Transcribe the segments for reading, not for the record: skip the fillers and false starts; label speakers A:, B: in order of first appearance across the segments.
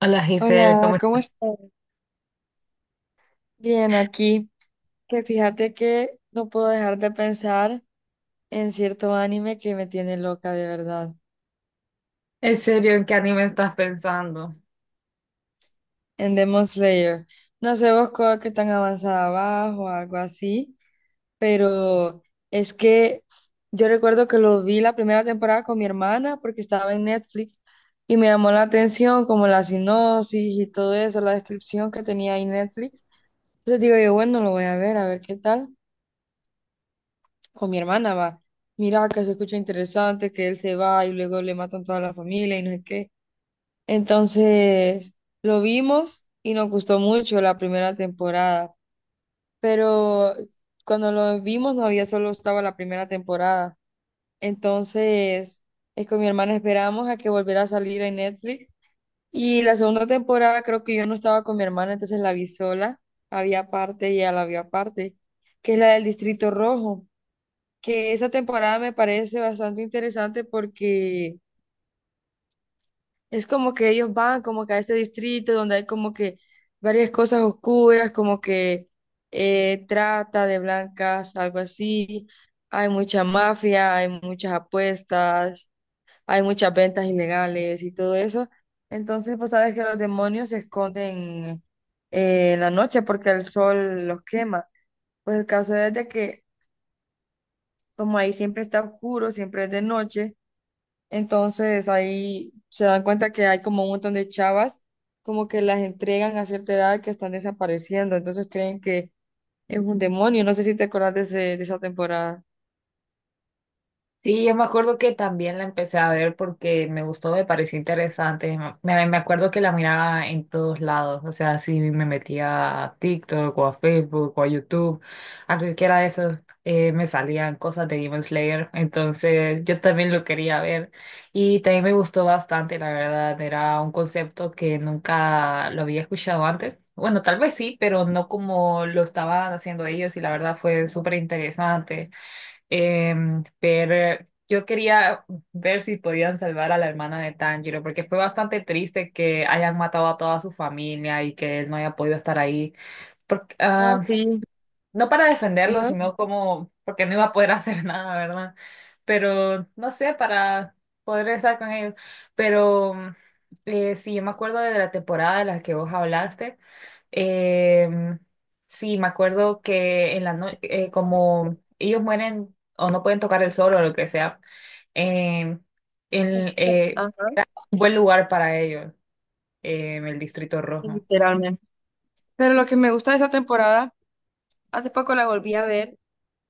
A: Hola Giselle,
B: Hola,
A: ¿cómo
B: ¿cómo
A: estás?
B: estás? Bien, aquí. Que fíjate que no puedo dejar de pensar en cierto anime que me tiene loca de verdad,
A: ¿En serio en qué anime estás pensando?
B: en Demon Slayer. No sé vos que tan avanzada vas o algo así, pero es que yo recuerdo que lo vi la primera temporada con mi hermana porque estaba en Netflix y me llamó la atención como la sinopsis y todo eso, la descripción que tenía ahí Netflix. Entonces digo yo, bueno, lo voy a ver qué tal. Con mi hermana va. Mira, que se escucha interesante, que él se va y luego le matan toda la familia y no sé qué. Entonces, lo vimos y nos gustó mucho la primera temporada, pero cuando lo vimos no había solo estaba la primera temporada. Entonces, es con mi hermana esperamos a que volviera a salir en Netflix. Y la segunda temporada creo que yo no estaba con mi hermana, entonces la vi sola, había parte y ella la vio aparte, que es la del Distrito Rojo, que esa temporada me parece bastante interesante porque es como que ellos van como que a este distrito donde hay como que varias cosas oscuras, como que trata de blancas, algo así. Hay mucha mafia, hay muchas apuestas, hay muchas ventas ilegales y todo eso. Entonces, pues sabes que los demonios se esconden en la noche porque el sol los quema. Pues el caso es de que como ahí siempre está oscuro, siempre es de noche. Entonces ahí se dan cuenta que hay como un montón de chavas, como que las entregan a cierta edad que están desapareciendo, entonces creen que es un demonio. No sé si te acordás de, de esa temporada.
A: Sí, yo me acuerdo que también la empecé a ver porque me gustó, me pareció interesante. Me acuerdo que la miraba en todos lados, o sea, si me metía a TikTok o a Facebook o a YouTube, a cualquiera de esos me salían cosas de Demon Slayer, entonces yo también lo quería ver y también me gustó bastante, la verdad, era un concepto que nunca lo había escuchado antes. Bueno, tal vez sí, pero no como lo estaban haciendo ellos y la verdad fue súper interesante. Pero yo quería ver si podían salvar a la hermana de Tanjiro, porque fue bastante triste que hayan matado a toda su familia y que él no haya podido estar ahí. Porque,
B: Ah,
A: ah,
B: sí.
A: no para defenderlo,
B: Ajá.
A: sino como porque no iba a poder hacer nada, ¿verdad? Pero no sé, para poder estar con ellos. Pero sí, yo me acuerdo de la temporada de la que vos hablaste. Eh, mm, sí, me acuerdo que en la no- como ellos mueren o no pueden tocar el sol o lo que sea, eh,
B: Ajá,
A: era un buen lugar para ellos, el Distrito Rojo.
B: literalmente. Pero lo que me gusta de esa temporada, hace poco la volví a ver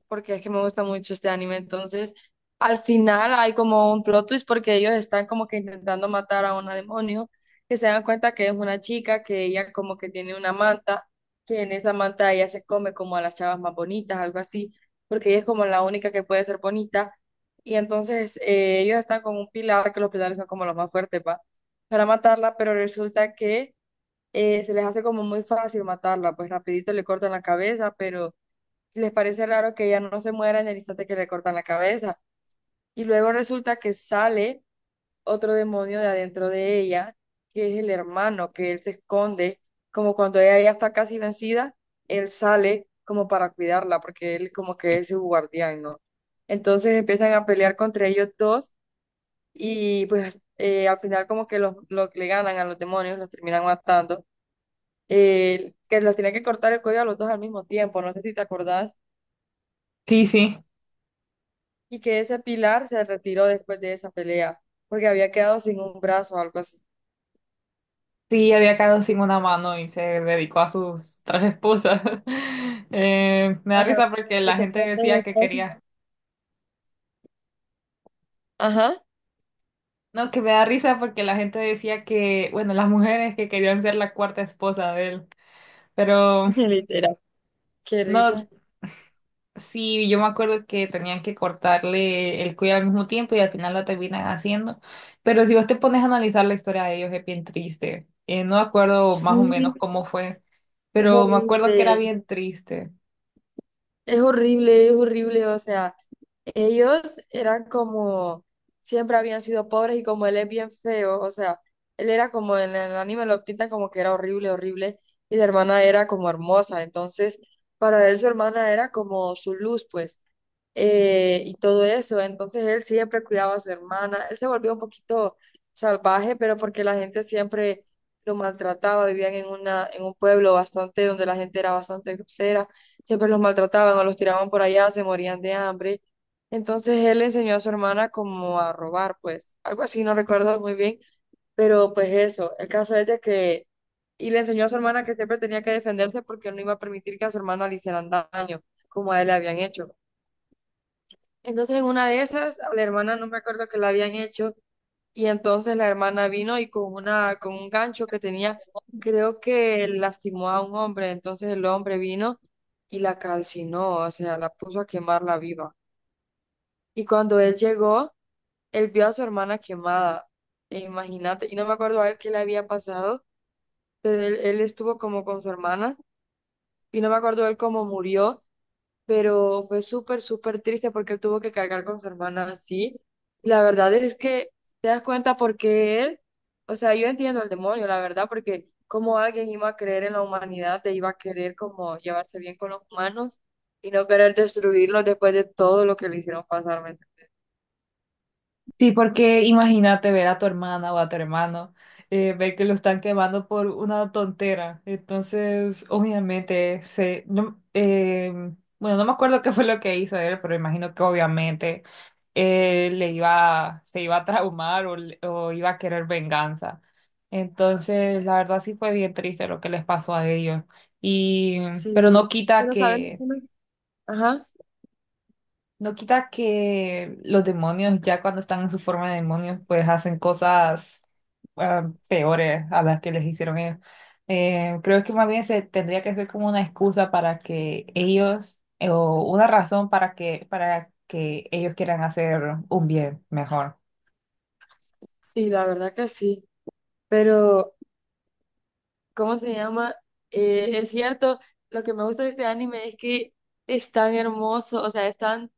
B: porque es que me gusta mucho este anime. Entonces, al final hay como un plot twist porque ellos están como que intentando matar a una demonio, que se dan cuenta que es una chica, que ella como que tiene una manta, que en esa manta ella se come como a las chavas más bonitas, algo así, porque ella es como la única que puede ser bonita. Y entonces ellos están con un pilar, que los pilares son como los más fuertes, para matarla, pero resulta que se les hace como muy fácil matarla, pues rapidito le cortan la cabeza, pero les parece raro que ella no se muera en el instante que le cortan la cabeza. Y luego resulta que sale otro demonio de adentro de ella, que es el hermano, que él se esconde, como cuando ella ya está casi vencida, él sale como para cuidarla, porque él como que es su guardián, ¿no? Entonces empiezan a pelear contra ellos dos y pues al final como que los le ganan a los demonios, los terminan matando. Que los tenía que cortar el cuello a los dos al mismo tiempo, no sé si te acordás.
A: Sí, sí.
B: Y que ese Pilar se retiró después de esa pelea, porque había quedado sin un brazo o algo así.
A: Sí, había quedado sin una mano y se dedicó a sus tres esposas. Me da risa
B: Ajá,
A: porque
B: que
A: la
B: te
A: gente
B: cortan
A: decía
B: el
A: que
B: brazo.
A: quería.
B: Ajá.
A: No, que me da risa porque la gente decía que, bueno, las mujeres que querían ser la cuarta esposa de él. Pero
B: Literal. Qué
A: no,
B: risa.
A: sí, yo me acuerdo que tenían que cortarle el cuello al mismo tiempo y al final lo terminan haciendo. Pero si vos te pones a analizar la historia de ellos, es bien triste. No me acuerdo más o
B: Sí,
A: menos cómo fue,
B: es
A: pero me acuerdo que era
B: horrible.
A: bien triste.
B: Es horrible, es horrible, o sea, ellos eran como, siempre habían sido pobres y como él es bien feo, o sea, él era como en el anime lo pintan como que era horrible, horrible, y la hermana era como hermosa, entonces para él su hermana era como su luz, pues. Y todo eso. Entonces él siempre cuidaba a su hermana. Él se volvió un poquito salvaje, pero porque la gente siempre lo maltrataba, vivían en un pueblo bastante, donde la gente era bastante grosera, siempre los maltrataban o los tiraban por allá, se morían de hambre. Entonces él enseñó a su hermana como a robar, pues, algo así, no recuerdo muy bien, pero pues eso, el caso es de que, y le enseñó a su hermana que siempre tenía que defenderse porque no iba a permitir que a su hermana le hicieran daño, como a él le habían hecho. Entonces, en una de esas, a la hermana no me acuerdo que la habían hecho, y entonces la hermana vino y con un gancho que tenía, creo que lastimó a un hombre, entonces el hombre vino y la calcinó, o sea, la puso a quemarla viva. Y cuando él llegó, él vio a su hermana quemada, e imagínate, y no me acuerdo a él qué le había pasado, pero él estuvo como con su hermana, y no me acuerdo él cómo murió, pero fue súper, súper triste porque él tuvo que cargar con su hermana así. La verdad es que te das cuenta por qué él, o sea, yo entiendo el demonio, la verdad, porque cómo alguien iba a creer en la humanidad, te iba a querer como llevarse bien con los humanos y no querer destruirlos después de todo lo que le hicieron pasar. ¿Me entiendes?
A: Sí, porque imagínate ver a tu hermana o a tu hermano, ver que lo están quemando por una tontera. Entonces, obviamente, se, no, bueno, no me acuerdo qué fue lo que hizo él, pero imagino que obviamente le iba, se iba a traumar o iba a querer venganza. Entonces, la verdad sí fue bien triste lo que les pasó a ellos. Y, pero
B: Sí,
A: no quita
B: pero ¿saben?
A: que
B: Ajá,
A: no quita que los demonios, ya cuando están en su forma de demonios, pues hacen cosas peores a las que les hicieron ellos. Creo que más bien se tendría que ser como una excusa para que ellos, o una razón para que ellos quieran hacer un bien mejor.
B: sí, la verdad que sí, pero ¿cómo se llama? Es cierto, lo que me gusta de este anime es que es tan hermoso, o sea, es tan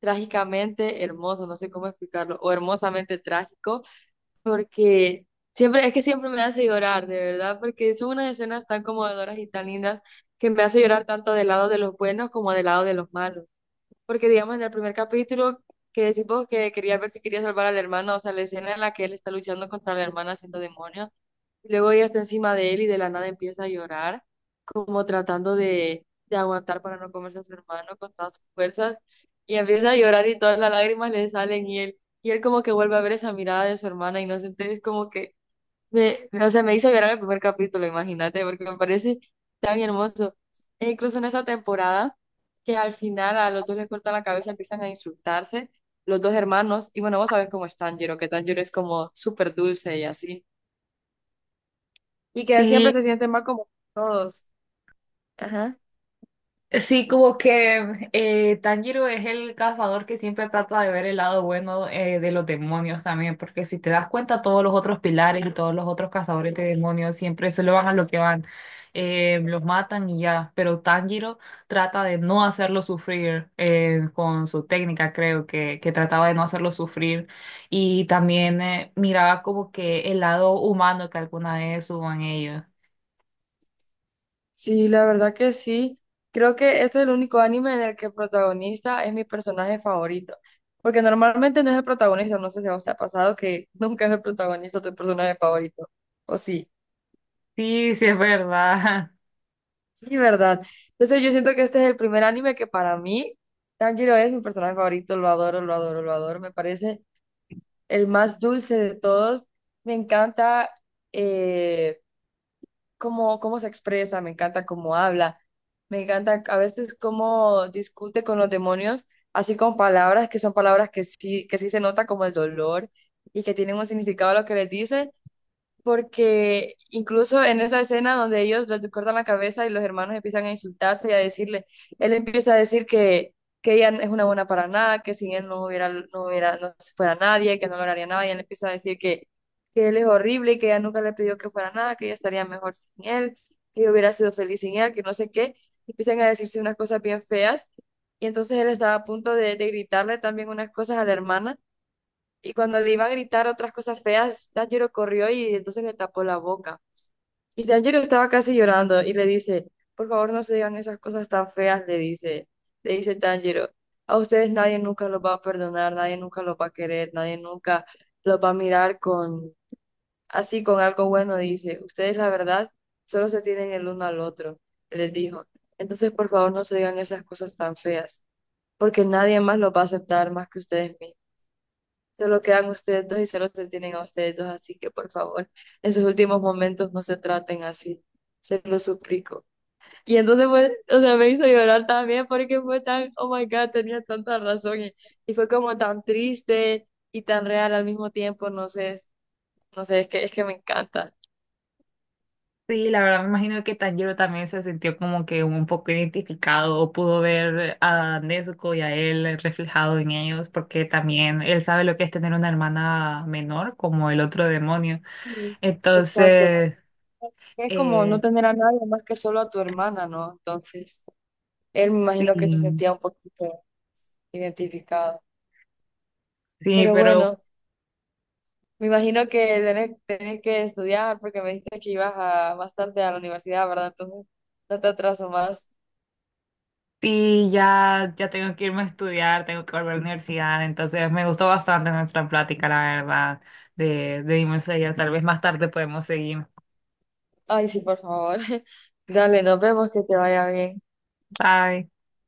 B: trágicamente hermoso, no sé cómo explicarlo, o hermosamente trágico, porque siempre, es que siempre me hace llorar, de verdad, porque son unas escenas tan conmovedoras y tan lindas que me hace llorar tanto del lado de los buenos como del lado de los malos. Porque digamos en el primer capítulo que decimos que quería ver si quería salvar al hermano, o sea, la escena en la que él está luchando contra la hermana siendo demonio y luego ella está encima de él y de la nada empieza a llorar, como tratando de aguantar para no comerse a su hermano con todas sus fuerzas. Y empieza a llorar y todas las lágrimas le salen y él como que vuelve a ver esa mirada de su hermana inocente. Es como que, o sea, me hizo llorar el primer capítulo, imagínate, porque me parece tan hermoso. E incluso en esa temporada, que al final a los dos les cortan la cabeza, empiezan a insultarse los dos hermanos. Y bueno, vos sabes cómo es Tanjiro, que Tanjiro es como súper dulce y así y que él
A: Sí.
B: siempre se siente mal como todos. Ajá.
A: Sí, como que Tanjiro es el cazador que siempre trata de ver el lado bueno de los demonios también, porque si te das cuenta, todos los otros pilares y todos los otros cazadores de demonios siempre solo van a lo que van, los matan y ya, pero Tanjiro trata de no hacerlo sufrir con su técnica, creo que trataba de no hacerlo sufrir y también miraba como que el lado humano que alguna vez hubo en ellos.
B: Sí, la verdad que sí. Creo que este es el único anime en el que el protagonista es mi personaje favorito. Porque normalmente no es el protagonista, no sé si a vos te ha pasado que nunca es el protagonista tu personaje favorito. O sí,
A: Sí, sí, es verdad.
B: sí, ¿verdad? Entonces yo siento que este es el primer anime que para mí, Tanjiro es mi personaje favorito, lo adoro, lo adoro, lo adoro. Me parece el más dulce de todos. Me encanta eh, cómo se expresa, me encanta cómo habla, me encanta a veces cómo discute con los demonios, así con palabras que son palabras que sí se nota como el dolor y que tienen un significado a lo que les dice porque incluso en esa escena donde ellos les cortan la cabeza y los hermanos empiezan a insultarse y a decirle, él empieza a decir que ella es una buena para nada, que sin él no hubiera, no fuera nadie, que no lograría nada, y él empieza a decir que él es horrible y que ella nunca le pidió que fuera nada, que ella estaría mejor sin él, que ella hubiera sido feliz sin él, que no sé qué, y empiezan a decirse unas cosas bien feas, y entonces él estaba a punto de gritarle también unas cosas a la hermana y cuando le iba a gritar otras cosas feas, Tanjiro corrió y entonces le tapó la boca. Y Tanjiro estaba casi llorando y le dice, por favor no se digan esas cosas tan feas, le dice Tanjiro, a ustedes nadie nunca los va a perdonar, nadie nunca los va a querer, nadie nunca los va a mirar con, así con algo bueno, dice, ustedes la verdad solo se tienen el uno al otro, les dijo. Entonces por favor no se digan esas cosas tan feas, porque nadie más los va a aceptar más que ustedes mismos. Solo quedan ustedes dos y solo se tienen a ustedes dos, así que por favor, en sus últimos momentos no se traten así, se lo suplico. Y entonces fue, o sea, me hizo llorar también porque fue tan, oh my God, tenía tanta razón y fue como tan triste y tan real al mismo tiempo, no sé, no sé, es que me encanta.
A: Sí, la verdad me imagino que Tanjiro también se sintió como que un poco identificado, o pudo ver a Nezuko y a él reflejado en ellos, porque también él sabe lo que es tener una hermana menor, como el otro demonio.
B: Mm, Exacto.
A: Entonces,
B: Es como no
A: eh,
B: tener a nadie más que solo a tu hermana, ¿no? Entonces, él me imagino que se
A: sí,
B: sentía un poquito identificado.
A: sí,
B: Pero
A: pero
B: bueno. Me imagino que tenés, tenés que estudiar porque me dijiste que ibas a, bastante a la universidad, ¿verdad? Entonces, no te atraso más.
A: sí, ya, ya tengo que irme a estudiar, tengo que volver a la universidad, entonces me gustó bastante nuestra plática, la verdad, de Demon Slayer. Tal vez más tarde podemos seguir.
B: Ay, sí, por favor. Dale, nos vemos, que te vaya bien.
A: Bye.